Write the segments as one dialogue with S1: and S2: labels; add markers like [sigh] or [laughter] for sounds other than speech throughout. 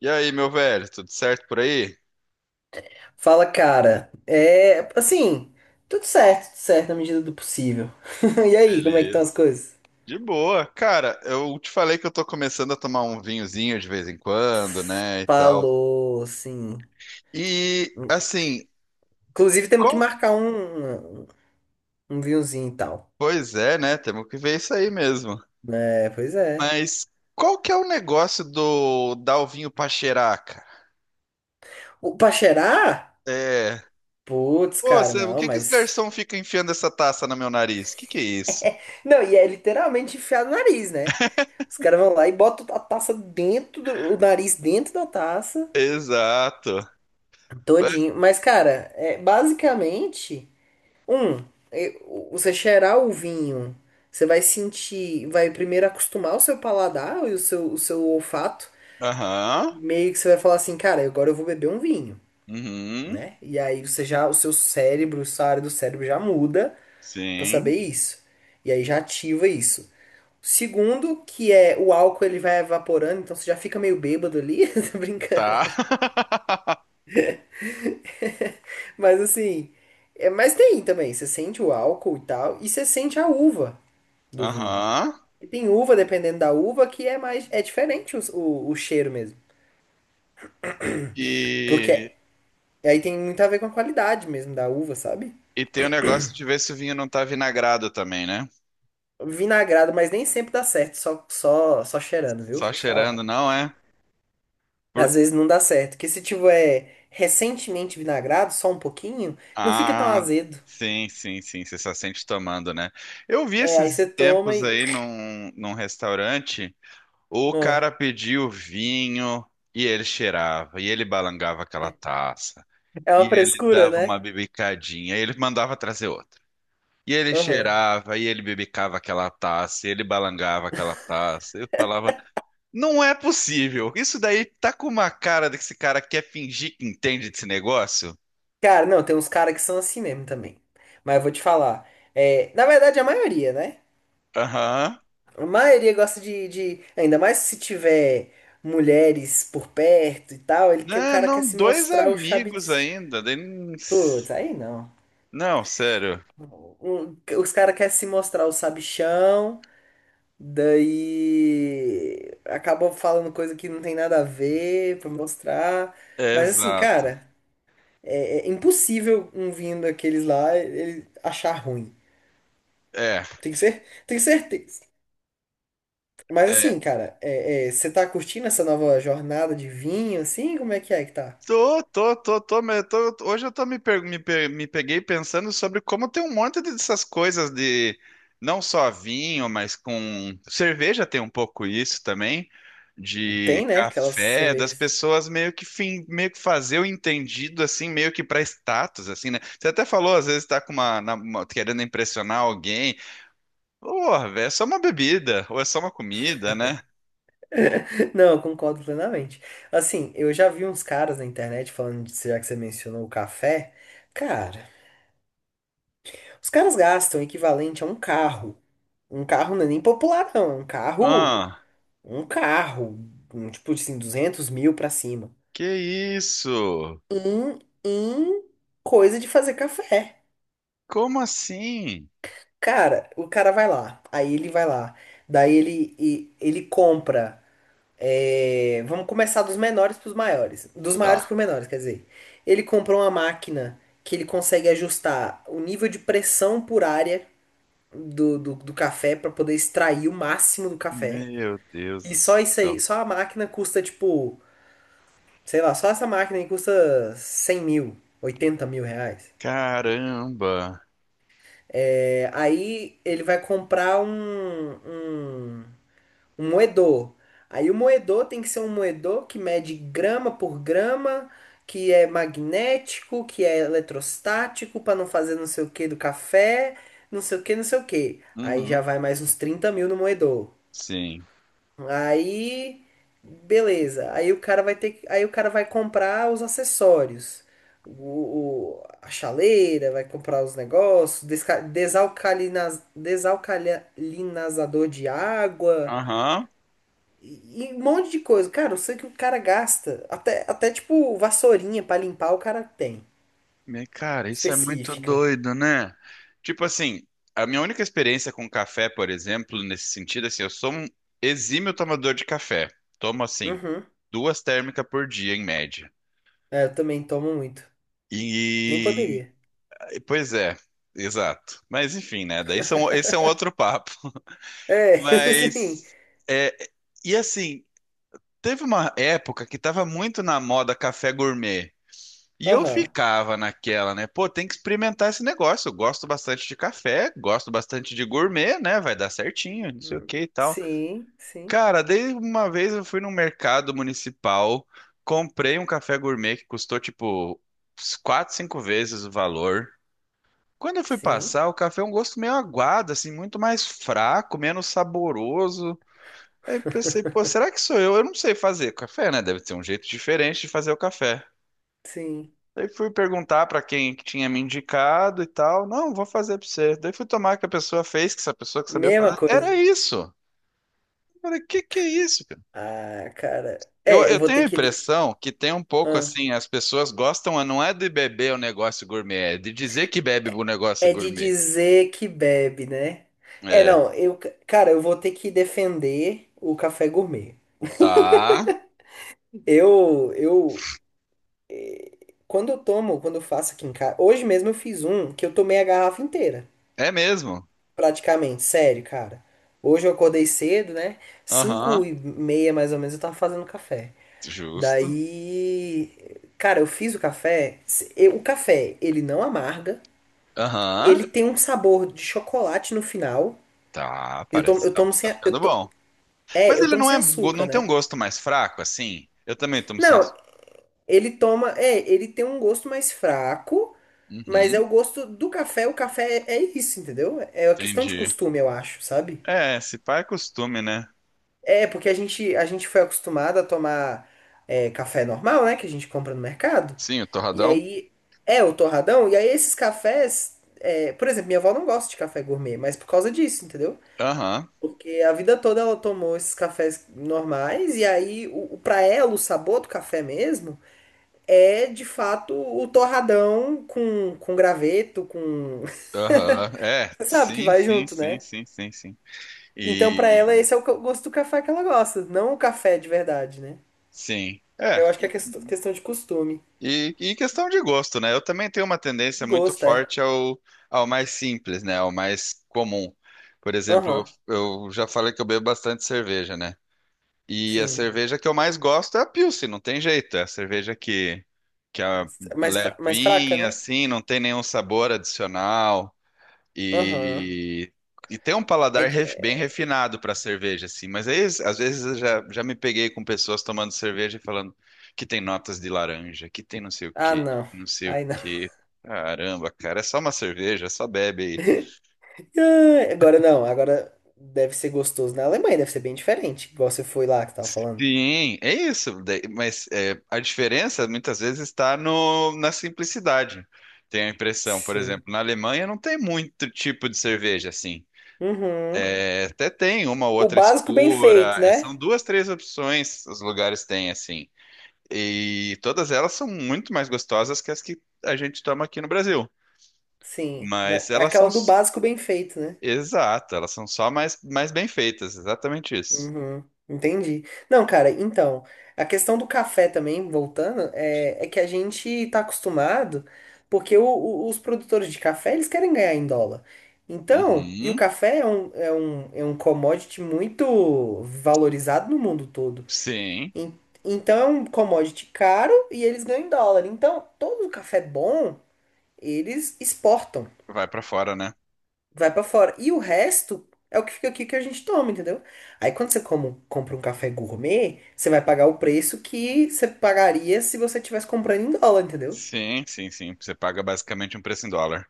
S1: E aí, meu velho, tudo certo por aí?
S2: Fala, cara. É, assim, tudo certo na medida do possível. [laughs] E aí, como é que estão
S1: Beleza.
S2: as coisas?
S1: De boa. Cara, eu te falei que eu tô começando a tomar um vinhozinho de vez em quando, né, e tal.
S2: Falou, sim.
S1: E, assim,
S2: Inclusive, temos que
S1: qual...
S2: marcar um vinhozinho e tal.
S1: Pois é, né, temos que ver isso aí mesmo.
S2: É, pois é.
S1: Mas qual que é o negócio do dar o vinho pra cheirar, cara?
S2: O, pra cheirar?
S1: É...
S2: Putz,
S1: Pô,
S2: cara,
S1: o
S2: não,
S1: que que os
S2: mas.
S1: garçom ficam enfiando essa taça no meu nariz? Que é isso?
S2: Não, e é literalmente enfiar no nariz, né? Os caras vão lá e botam a taça dentro o nariz dentro da taça,
S1: Exato.
S2: todinho. Mas, cara, é, basicamente. Um, e- Você cheirar o vinho, você vai sentir, vai primeiro acostumar o seu paladar e o seu olfato.
S1: Aham.
S2: Meio que você vai falar assim, cara, agora eu vou beber um vinho,
S1: Uhum.
S2: né? E aí você já, o seu cérebro, essa área do cérebro já muda pra
S1: Sim.
S2: saber isso. E aí já ativa isso. Segundo, que é o álcool ele vai evaporando, então você já fica meio bêbado ali, [laughs] tô
S1: Tá.
S2: brincando.
S1: [laughs]
S2: Mas assim, é, mas tem também, você sente o álcool e tal, e você sente a uva do vinho.
S1: Aham.
S2: E tem uva, dependendo da uva, que é mais. É diferente o cheiro mesmo. Porque
S1: E,
S2: aí tem muito a ver com a qualidade mesmo da uva, sabe?
S1: e tem o negócio de ver se o vinho não tá vinagrado também, né?
S2: Vinagrado, mas nem sempre dá certo, só cheirando, viu? Vou
S1: Só
S2: te falar.
S1: cheirando, não é?
S2: Às
S1: Por...
S2: vezes não dá certo. Que se tiver recentemente vinagrado, só um pouquinho, não fica tão
S1: Ah,
S2: azedo.
S1: sim, sim, sim. Você só sente tomando, né? Eu vi
S2: É, aí
S1: esses
S2: você toma
S1: tempos
S2: e.
S1: aí num restaurante, o
S2: Ah,
S1: cara pediu vinho e ele cheirava, e ele balangava aquela taça,
S2: é
S1: e
S2: uma
S1: ele
S2: frescura,
S1: dava uma
S2: né?
S1: bibicadinha, e ele mandava trazer outra. E ele
S2: Aham.
S1: cheirava, e ele bibicava aquela taça, e ele balangava aquela taça. Eu falava. Não é possível. Isso daí tá com uma cara de que esse cara quer fingir que entende desse negócio?
S2: Cara, não, tem uns caras que são assim mesmo também. Mas eu vou te falar. É, na verdade, a maioria, né?
S1: Aham.
S2: A maioria gosta ainda mais se tiver mulheres por perto e tal, ele que o
S1: Né,
S2: cara quer
S1: não,
S2: se
S1: dois
S2: mostrar o chabi.
S1: amigos ainda. Daí não-
S2: Putz, aí não.
S1: Não, sério.
S2: Os caras querem se mostrar o sabichão, daí acabam falando coisa que não tem nada a ver pra mostrar.
S1: É,
S2: Mas assim,
S1: exato.
S2: cara, é impossível um vindo daqueles lá ele achar ruim.
S1: É.
S2: Tem que ser, tem certeza. Mas
S1: É.
S2: assim, cara, você tá curtindo essa nova jornada de vinho, assim? Como é que tá?
S1: Hoje eu tô me, per- me, pe- me peguei pensando sobre como tem um monte dessas coisas de não só vinho, mas com cerveja tem um pouco isso também, de
S2: Tem, né? Aquelas
S1: café, das
S2: cervejas.
S1: pessoas meio que fim, meio que fazer o entendido assim, meio que pra status assim, né? Você até falou, às vezes tá com querendo impressionar alguém. Porra, velho, é só uma bebida ou é só uma comida, né?
S2: [laughs] Não, eu concordo plenamente. Assim, eu já vi uns caras na internet falando, já que você mencionou o café. Cara, os caras gastam o equivalente a um carro. Um carro não é nem popular, não. É um carro.
S1: Ah,
S2: Um carro, um tipo assim, 200.000 pra cima.
S1: que isso?
S2: Em, em coisa de fazer café.
S1: Como assim?
S2: Cara, o cara vai lá, aí ele vai lá, daí ele compra. É, vamos começar dos menores para os maiores, dos maiores
S1: Tá.
S2: para os menores, quer dizer. Ele compra uma máquina que ele consegue ajustar o nível de pressão por área do café para poder extrair o máximo do café.
S1: Meu Deus
S2: E
S1: do
S2: só isso aí,
S1: céu.
S2: só a máquina custa tipo, sei lá, só essa máquina aí custa 100.000, 80.000 reais.
S1: Caramba.
S2: É, aí ele vai comprar um Um moedor. Aí o moedor tem que ser um moedor que mede grama por grama, que é magnético, que é eletrostático, para não fazer não sei o que do café, não sei o que, não sei o que. Aí já
S1: Uhum.
S2: vai mais uns 30.000 no moedor.
S1: Sim.
S2: Aí, beleza. Aí o cara vai ter. Aí o cara vai comprar os acessórios. A chaleira, vai comprar os negócios, desalcalinazador de água.
S1: Aham.
S2: E um monte de coisa. Cara, eu sei que o cara gasta. Até tipo, vassourinha pra limpar o cara tem.
S1: Cara, isso é muito
S2: Específica.
S1: doido, né? Tipo assim, a minha única experiência com café, por exemplo, nesse sentido, assim, eu sou um exímio tomador de café. Tomo, assim,
S2: Uhum.
S1: duas térmicas por dia, em média.
S2: É, eu também tomo muito. Nem
S1: E,
S2: poderia.
S1: pois é, exato. Mas enfim, né? Daí são, esse é um outro papo.
S2: É, [laughs] sim.
S1: Mas, é, e assim, teve uma época que tava muito na moda café gourmet. E eu
S2: Aham.
S1: ficava naquela, né? Pô, tem que experimentar esse negócio. Eu gosto bastante de café, gosto bastante de gourmet, né? Vai dar certinho, não sei o que e tal.
S2: Sim, sim,
S1: Cara, desde uma vez eu fui num mercado municipal, comprei um café gourmet que custou tipo quatro, cinco vezes o valor. Quando eu fui
S2: sim,
S1: passar, o café é um gosto meio aguado, assim, muito mais fraco, menos saboroso. Aí pensei,
S2: [laughs]
S1: pô, será que sou eu? Eu não sei fazer café, né? Deve ter um jeito diferente de fazer o café.
S2: sim.
S1: Aí fui perguntar pra quem que tinha me indicado e tal. Não, vou fazer pra você. Daí fui tomar que a pessoa fez, que essa pessoa que sabia
S2: Mesma
S1: fazer. Era
S2: coisa.
S1: isso. Eu falei, que é isso, cara?
S2: Ah, cara. É, eu
S1: Eu
S2: vou
S1: tenho a
S2: ter que.
S1: impressão que tem um pouco
S2: Ah,
S1: assim, as pessoas gostam, não é de beber o negócio gourmet, é de dizer que bebe o negócio
S2: é de
S1: gourmet.
S2: dizer que bebe, né? É,
S1: É,
S2: não, eu, cara, eu vou ter que defender o café gourmet.
S1: tá.
S2: Eu, eu, Quando eu tomo, quando eu faço aqui em casa. Hoje mesmo eu fiz um que eu tomei a garrafa inteira.
S1: É mesmo.
S2: Praticamente, sério, cara. Hoje eu acordei cedo, né?
S1: Aham,
S2: 5h30 mais ou menos eu tava fazendo café.
S1: justo.
S2: Daí. Cara, eu fiz o café. O café, ele não amarga.
S1: Aham,
S2: Ele tem um sabor de chocolate no final.
S1: tá,
S2: Eu tomo,
S1: parece que
S2: eu
S1: tá,
S2: tomo sem.
S1: tá
S2: A- Eu
S1: ficando
S2: to,
S1: bom.
S2: é,
S1: Mas
S2: eu
S1: ele
S2: tomo
S1: não
S2: sem
S1: é,
S2: açúcar,
S1: não tem
S2: né?
S1: um gosto mais fraco, assim? Eu também tomo
S2: Não,
S1: senso.
S2: ele tem um gosto mais fraco, mas é
S1: Uhum,
S2: o gosto do café. O café é isso, entendeu? É uma questão de
S1: entendi.
S2: costume, eu acho, sabe?
S1: É, se pá é costume, né?
S2: É, porque a gente foi acostumado a tomar café normal, né? Que a gente compra no mercado.
S1: Sim, o
S2: E
S1: torradão?
S2: aí, é o torradão. E aí, esses cafés, por exemplo, minha avó não gosta de café gourmet, mas por causa disso, entendeu?
S1: Aham,
S2: Porque a vida toda ela tomou esses cafés normais, e aí, pra ela, o sabor do café mesmo. É de fato o torradão com graveto, com. [laughs]
S1: aham. É,
S2: Você sabe que
S1: sim,
S2: vai
S1: sim,
S2: junto,
S1: sim,
S2: né?
S1: sim, sim, sim.
S2: Então, pra ela,
S1: E,
S2: esse é o gosto do café que ela gosta, não o café de verdade, né?
S1: sim, é.
S2: Eu acho que é questão de costume.
S1: E questão de gosto, né? Eu também tenho uma tendência
S2: De
S1: muito
S2: gosto, é.
S1: forte ao, ao mais simples, né? Ao mais comum. Por exemplo,
S2: Aham.
S1: eu já falei que eu bebo bastante cerveja, né? E a
S2: Sim.
S1: cerveja que eu mais gosto é a Pilsen, não tem jeito. É a cerveja que é
S2: Mais fraca,
S1: levinha,
S2: né?
S1: assim, não tem nenhum sabor adicional.
S2: Aham.
S1: E, e tem um
S2: É,
S1: paladar bem
S2: é-
S1: refinado para cerveja, assim. Mas aí, às vezes eu já, já me peguei com pessoas tomando cerveja e falando que tem notas de laranja, que tem não sei o
S2: Ah,
S1: quê,
S2: não.
S1: que não sei o
S2: Ai, não.
S1: quê. Caramba, cara, é só uma cerveja, só bebe aí.
S2: [laughs] Ah, agora não, agora deve ser gostoso na Alemanha, deve ser bem diferente, igual você foi lá que você tava falando.
S1: Sim, é isso. Mas é, a diferença muitas vezes está no, na simplicidade. Tenho a impressão, por
S2: Sim.
S1: exemplo, na Alemanha não tem muito tipo de cerveja assim.
S2: Uhum.
S1: É, até tem uma ou
S2: O
S1: outra
S2: básico bem
S1: escura.
S2: feito,
S1: É, são
S2: né?
S1: duas, três opções os lugares têm assim. E todas elas são muito mais gostosas que as que a gente toma aqui no Brasil.
S2: Sim, mas
S1: Mas
S2: é
S1: elas são,
S2: aquela do básico bem feito, né?
S1: exato, elas são só mais, mais bem feitas. Exatamente isso.
S2: Uhum, entendi. Não, cara, então, a questão do café também, voltando, é, é que a gente tá acostumado, porque os produtores de café, eles querem ganhar em dólar. Então, e o
S1: Uhum,
S2: café é um commodity muito valorizado no mundo todo.
S1: sim,
S2: En- Então, é um commodity caro e eles ganham em dólar. Então, todo o café bom, eles exportam.
S1: vai para fora, né?
S2: Vai pra fora. E o resto é o que fica aqui que a gente toma, entendeu? Aí quando você compra um café gourmet, você vai pagar o preço que você pagaria se você tivesse comprando em dólar, entendeu?
S1: Sim, sim, sim. Você paga basicamente um preço em dólar.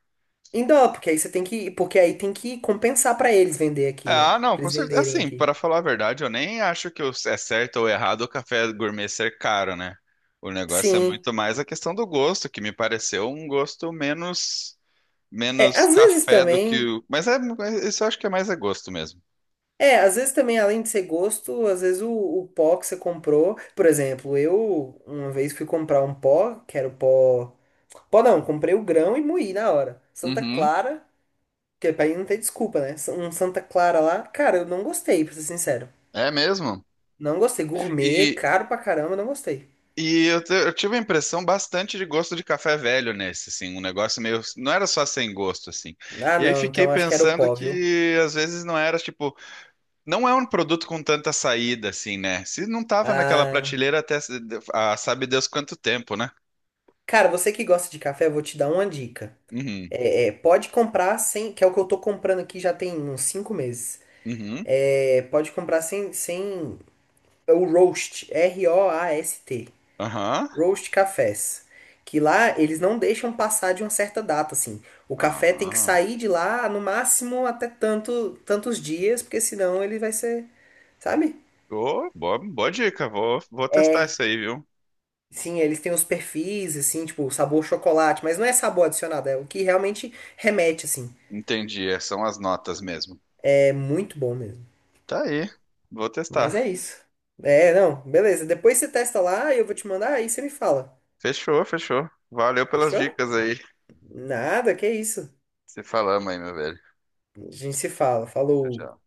S2: Em dólar, porque aí você tem que, porque aí tem que compensar pra eles vender aqui, né?
S1: Ah, não,
S2: Pra
S1: com
S2: eles
S1: certeza.
S2: venderem
S1: Assim,
S2: aqui.
S1: para falar a verdade, eu nem acho que é certo ou errado o café gourmet ser caro, né? O negócio é
S2: Sim.
S1: muito mais a questão do gosto, que me pareceu um gosto menos
S2: É,
S1: menos
S2: às vezes
S1: café do que
S2: também.
S1: o. Mas é, mas isso eu acho que é mais é gosto mesmo.
S2: É, às vezes também, além de ser gosto, às vezes o pó que você comprou. Por exemplo, eu uma vez fui comprar um pó, que era o pó. Pó não, comprei o grão e moí na hora. Santa
S1: Uhum.
S2: Clara. Porque pra mim não tem desculpa, né? Um Santa Clara lá, cara, eu não gostei, pra ser sincero.
S1: É mesmo.
S2: Não gostei. Gourmet,
S1: E,
S2: caro pra caramba, não gostei.
S1: e eu, eu tive a impressão bastante de gosto de café velho nesse, assim, um negócio meio. Não era só sem gosto, assim.
S2: Ah,
S1: E aí
S2: não,
S1: fiquei
S2: então acho que era o
S1: pensando
S2: pó, viu?
S1: que às vezes não era tipo. Não é um produto com tanta saída, assim, né? Se não tava naquela
S2: Ah,
S1: prateleira até ah, sabe Deus quanto tempo, né?
S2: cara, você que gosta de café, eu vou te dar uma dica.
S1: Uhum,
S2: Pode comprar sem, que é o que eu tô comprando aqui já tem uns 5 meses.
S1: uhum,
S2: É, pode comprar sem o roast, roast.
S1: aham,
S2: Roast cafés, que lá eles não deixam passar de uma certa data, assim. O café tem que
S1: ah,
S2: sair de lá no máximo até tanto, tantos dias, porque senão ele vai ser, sabe?
S1: ô, boa, boa dica, vou testar
S2: É,
S1: isso aí, viu?
S2: sim, eles têm os perfis, assim, tipo, sabor chocolate, mas não é sabor adicionado, é o que realmente remete, assim.
S1: Entendi, é, são as notas mesmo.
S2: É muito bom mesmo.
S1: Tá aí, vou
S2: Mas é
S1: testar.
S2: isso. É, não, beleza. Depois você testa lá e eu vou te mandar, aí você me fala.
S1: Fechou, fechou. Valeu pelas
S2: Fechou?
S1: dicas aí.
S2: Nada, que isso.
S1: Se falamos aí, meu velho.
S2: A gente se fala.
S1: Tchau,
S2: Falou.
S1: tchau.